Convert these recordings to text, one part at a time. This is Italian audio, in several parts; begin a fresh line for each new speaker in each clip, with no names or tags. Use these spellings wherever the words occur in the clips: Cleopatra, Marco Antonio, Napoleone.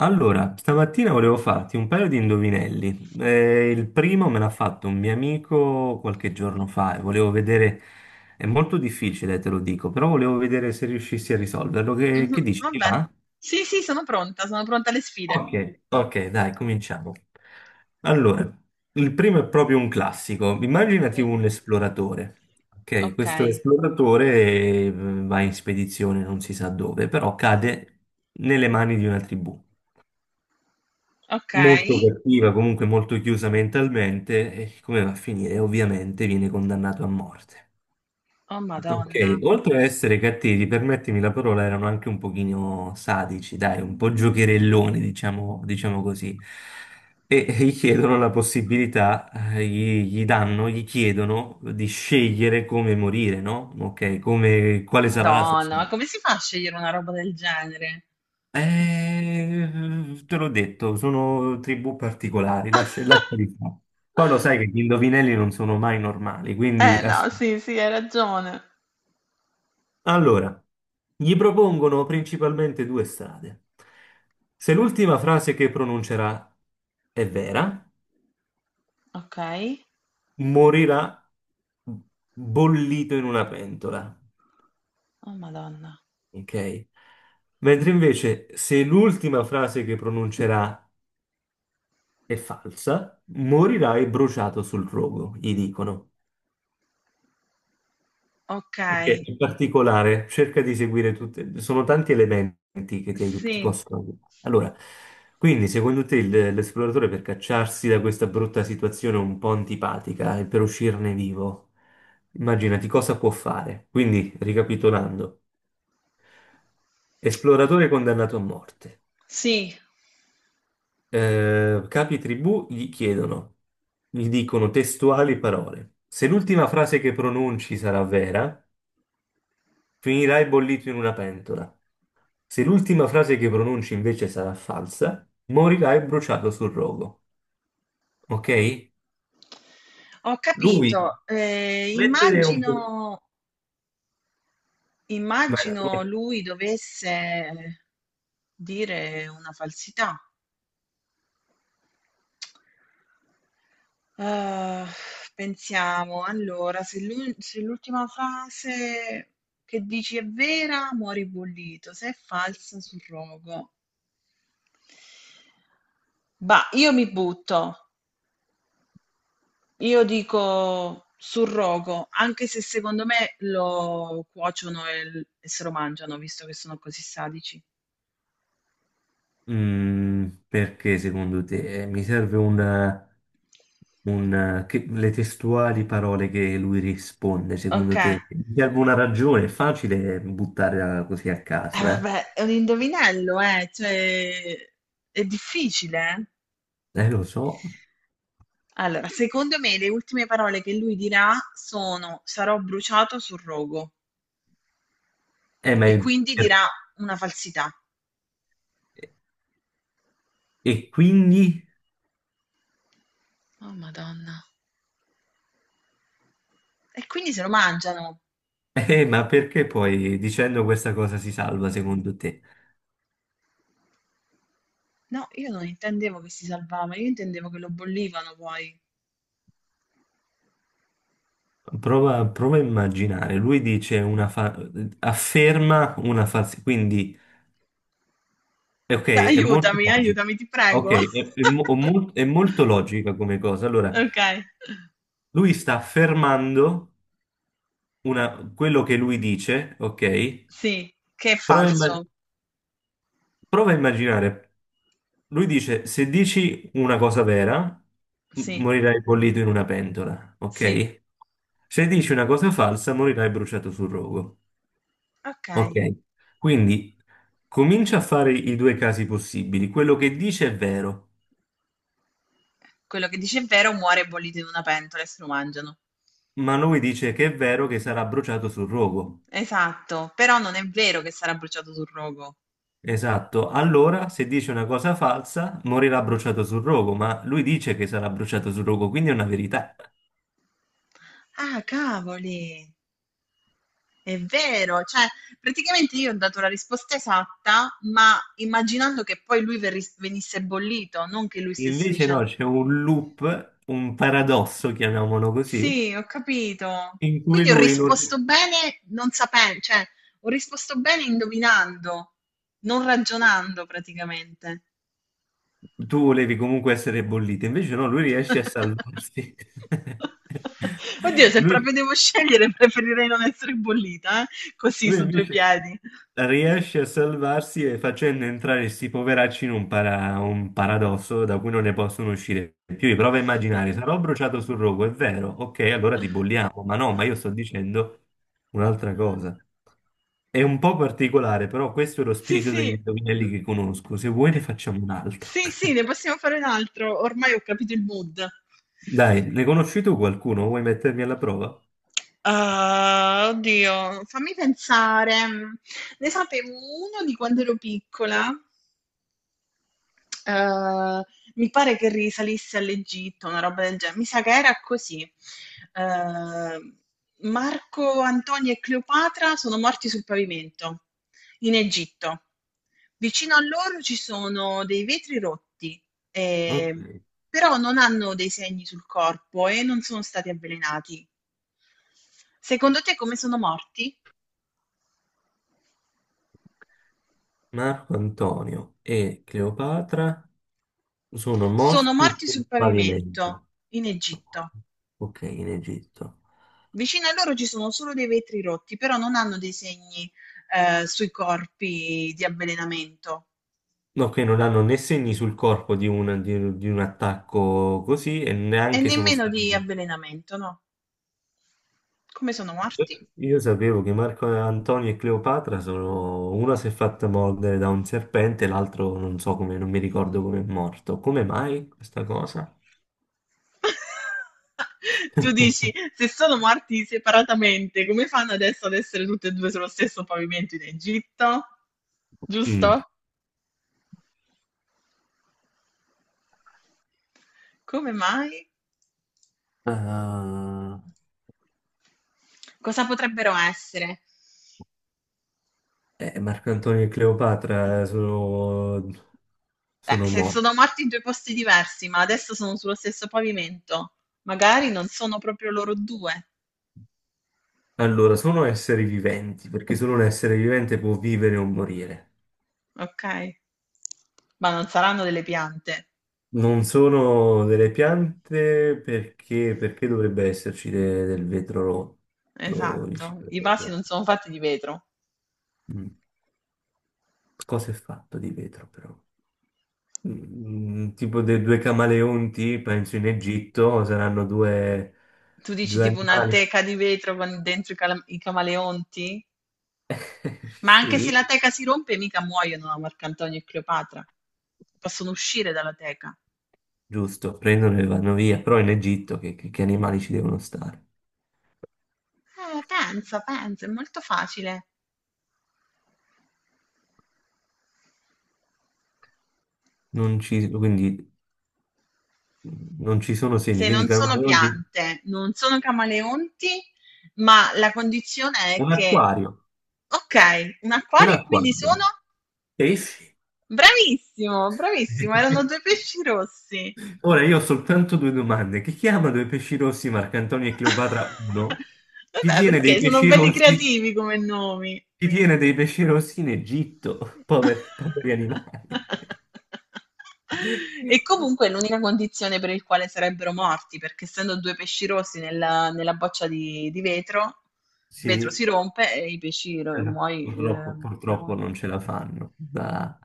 Allora, stamattina volevo farti un paio di indovinelli. Il primo me l'ha fatto un mio amico qualche giorno fa e volevo vedere, è molto difficile, te lo dico, però volevo vedere se riuscissi a risolverlo. Che,
Mh-mh,
che dici? Ti
vabbè.
va?
Sì, sì, sono pronta alle sfide.
Ok, ok, dai, cominciamo. Allora, il primo è proprio un classico. Immaginati
Sì.
un esploratore. Ok, questo
Okay,
esploratore va in spedizione, non si sa dove, però cade nelle mani di una tribù. Molto
okay.
cattiva, comunque molto chiusa mentalmente, e come va a finire? Ovviamente viene condannato a morte.
Oh
Ok,
madonna,
oltre a essere cattivi, permettimi la parola, erano anche un pochino sadici, dai, un po' giocherelloni, diciamo, diciamo così. E gli chiedono la possibilità, gli danno, gli chiedono di scegliere come morire, no? Ok, come, quale sarà la sua
madonna, ma
sorte.
come si fa a scegliere una roba del genere?
Te l'ho detto, sono tribù particolari, lascia, lasciali fare. Poi lo sai che gli indovinelli non sono mai normali, quindi...
Eh no, sì, sì, hai ragione.
Allora, gli propongono principalmente due strade. Se l'ultima frase che pronuncerà è vera,
Okay.
morirà bollito in una pentola,
Oh madonna.
ok? Mentre invece se l'ultima frase che pronuncerà è falsa, morirai bruciato sul rogo, gli dicono. Perché
Okay,
in particolare, cerca di seguire tutte, sono tanti elementi che ti, ti
sì,
possono aiutare. Allora, quindi secondo te l'esploratore per cacciarsi da questa brutta situazione un po' antipatica e per uscirne vivo, immaginati cosa può fare. Quindi, ricapitolando, esploratore condannato a morte.
sì.
Capi tribù gli chiedono, gli dicono testuali parole. Se l'ultima frase che pronunci sarà vera, finirai bollito in una pentola. Se l'ultima frase che pronunci invece sarà falsa, morirai bruciato sul rogo. Ok?
Ho
Lui
capito.
mettere un po'.
Immagino
Vai,
immagino
vai.
lui dovesse dire una falsità. Ah, pensiamo, allora, se l'ultima frase che dici è vera, muori bollito, se è falsa, surrogo. Bah, io mi butto, io dico surrogo, anche se secondo me lo cuociono e se lo mangiano, visto che sono così sadici.
Mm, perché secondo te mi serve un, le testuali parole che lui risponde,
Ok,
secondo te? Mi serve una ragione, è facile buttarla così a caso, eh?
vabbè, è un indovinello, cioè, è difficile, eh?
Lo so.
Allora, secondo me le ultime parole che lui dirà sono, sarò bruciato sul rogo,
Ma
e quindi dirà una falsità.
e quindi?
Oh, Madonna. E quindi se lo mangiano.
Ma perché poi dicendo questa cosa si salva, secondo te?
No, io non intendevo che si salvava, io intendevo che lo bollivano poi.
Prova a immaginare, lui dice afferma una falsità, quindi, ok, è molto
Aiutami,
logico.
aiutami, ti
Ok,
prego.
è molto logica come cosa. Allora,
Ok,
lui sta affermando quello che lui dice, ok?
sì, che è
Prova a, imma-
falso.
prova a immaginare. Lui dice, se dici una cosa vera,
Sì,
morirai bollito in una pentola,
sì.
ok? Se dici una cosa falsa, morirai bruciato sul rogo,
Ok.
ok? Quindi comincia a fare i due casi possibili. Quello che dice è vero,
Quello che dice è vero, muore bollito in una pentola e se lo mangiano.
ma lui dice che è vero che sarà bruciato sul rogo.
Esatto, però non è vero che sarà bruciato sul rogo.
Esatto, allora se dice una cosa falsa morirà bruciato sul rogo, ma lui dice che sarà bruciato sul rogo, quindi è una verità.
Ah, cavoli! È vero, cioè praticamente io ho dato la risposta esatta, ma immaginando che poi lui venisse bollito, non che lui stesse
Invece no,
dicendo.
c'è un loop, un paradosso, chiamiamolo così,
Sì, ho capito.
in cui
Quindi ho
lui non...
risposto bene non sapendo, cioè ho risposto bene indovinando, non ragionando praticamente.
Tu volevi comunque essere bollito, invece no, lui riesce a salvarsi.
Oddio, se
Lui,
proprio devo scegliere, preferirei non essere bollita, eh? Così
lui
su due
invece...
piedi.
riesce a salvarsi e facendo entrare questi poveracci in un, un paradosso da cui non ne possono uscire più. Io provo a immaginare, sarò bruciato sul rogo, è vero, ok, allora ti bolliamo, ma no, ma io sto dicendo un'altra cosa. È un po' particolare, però questo è lo
Sì,
spirito degli
sì.
indovinelli che conosco. Se vuoi ne
Eh,
facciamo un altro.
sì, sì, ne possiamo fare un altro. Ormai ho capito il mood.
Dai, ne conosci tu qualcuno? Vuoi mettermi alla prova?
Ah, oddio, fammi pensare. Ne sapevo uno di quando ero piccola. Ehm, mi pare che risalisse all'Egitto, una roba del genere. Mi sa che era così. Ehm, Marco Antonio e Cleopatra sono morti sul pavimento in Egitto. Vicino a loro ci sono dei vetri rotti,
Ok.
ehm, però non hanno dei segni sul corpo e non sono stati avvelenati. Secondo te come sono morti?
Marco Antonio e Cleopatra. Sono
Sono
morti
morti sul
sul
pavimento
pavimento.
in Egitto.
Ok, in Egitto.
Vicino a loro ci sono solo dei vetri rotti, però non hanno dei segni, sui corpi di avvelenamento
No, che non hanno né segni sul corpo di un, di un attacco così e
e
neanche sono
nemmeno
stati...
di avvelenamento, no. Come sono morti?
Io sapevo che Marco Antonio e Cleopatra sono... Una si è fatta mordere da un serpente, l'altro non so come, non mi ricordo come è morto. Come mai questa cosa?
Tu dici: "Se sono morti separatamente, come fanno adesso ad essere tutti e due sullo stesso pavimento in Egitto?"
Mm.
Giusto? Come mai?
Ah,
Cosa potrebbero essere?
Marco Antonio e Cleopatra sono, sono
Se
morti.
sono morti in due posti diversi, ma adesso sono sullo stesso pavimento, magari non sono proprio loro due.
Allora, sono esseri viventi, perché solo un essere vivente può vivere o morire.
Ok? Ma non saranno delle piante,
Non sono delle piante perché, perché dovrebbe esserci del vetro rotto vicino
esatto.
alle
I vasi
piante?
non sono fatti di vetro.
Mm. Cosa è fatto di vetro però? Mm, tipo dei due camaleonti, penso in Egitto, saranno due,
Tu dici
due
tipo una
animali.
teca di vetro con dentro i camaleonti? Ma anche se
Sì,
la teca si rompe, mica muoiono a Marcantonio e Cleopatra. Possono uscire dalla teca.
giusto, prendono e vanno via, però in Egitto che, che animali ci devono stare?
Pensa, pensa, è molto facile.
Non ci, quindi Non ci sono segni,
Se
quindi
non sono
camaleonti.
piante, non sono camaleonti, ma la condizione è
Un
che,
acquario,
ok, un
un
acquario e quindi sono?
acquario. Eh sì.
Bravissimo, bravissimo, erano due pesci rossi.
Ora io ho soltanto due domande. Chi chiama due pesci rossi Marcantonio e Cleopatra uno? Chi
Vabbè,
tiene dei
perché sono
pesci
belli
rossi?
creativi come nomi.
Chi tiene dei pesci rossi in Egitto? Poveri, poveri animali.
E comunque è l'unica condizione per il quale sarebbero morti, perché essendo due pesci rossi nella boccia di vetro, il vetro si
Sì,
rompe e i pesci
allora, purtroppo, purtroppo
muoiono.
non ce la fanno. Ah.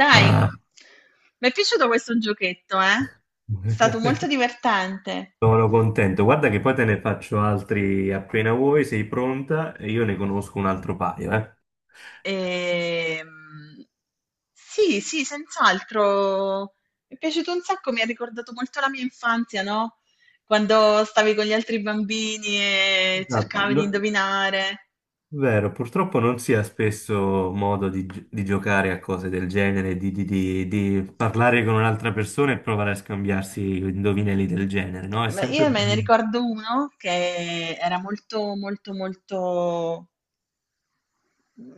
Dai,
Ah.
mi è piaciuto questo giochetto, eh? È stato molto divertente.
Sono contento. Guarda che poi te ne faccio altri appena vuoi, sei pronta e io ne conosco un altro paio, eh.
Ehm, sì, sì, senz'altro. Mi è piaciuto un sacco, mi ha ricordato molto la mia infanzia, no? Quando stavi con gli altri bambini e
Esatto.
cercavi di indovinare.
Vero, purtroppo non si ha spesso modo di, di giocare a cose del genere, di, di parlare con un'altra persona e provare a scambiarsi indovinelli del genere, no? È
Ma
sempre
io me ne
bello.
ricordo uno che era molto, molto, molto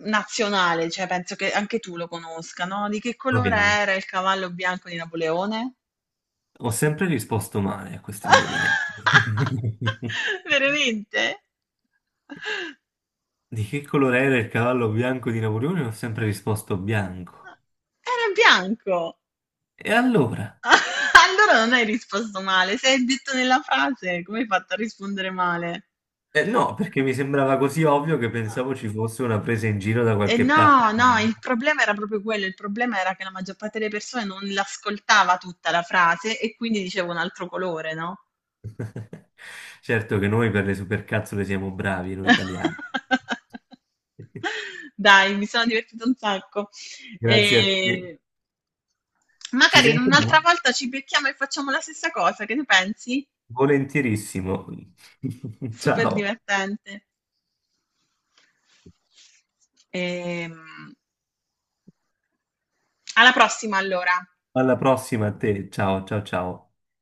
nazionale, cioè penso che anche tu lo conosca, no? Di che colore
Proviamo.
era il cavallo bianco di Napoleone?
Ho sempre risposto male a questi indovinelli.
Veramente?
Di che colore era il cavallo bianco di Napoleone? Ho sempre risposto bianco.
Era bianco!
E allora?
Allora non hai risposto male. Se hai detto nella frase, come hai fatto a rispondere male?
No, perché mi sembrava così ovvio che pensavo ci fosse una presa in giro da
E
qualche
no,
parte.
no, il problema era proprio quello, il problema era che la maggior parte delle persone non l'ascoltava tutta la frase e quindi diceva un altro colore, no?
Certo che noi per le supercazzole siamo bravi, noi italiani.
Dai, mi sono divertita un sacco.
Grazie a te.
E
Ci
magari
sentiamo?
un'altra volta ci becchiamo e facciamo la stessa cosa, che ne pensi?
Volentierissimo.
Super
Ciao.
divertente. Ehm, alla prossima allora.
Alla prossima a te. Ciao, ciao, ciao.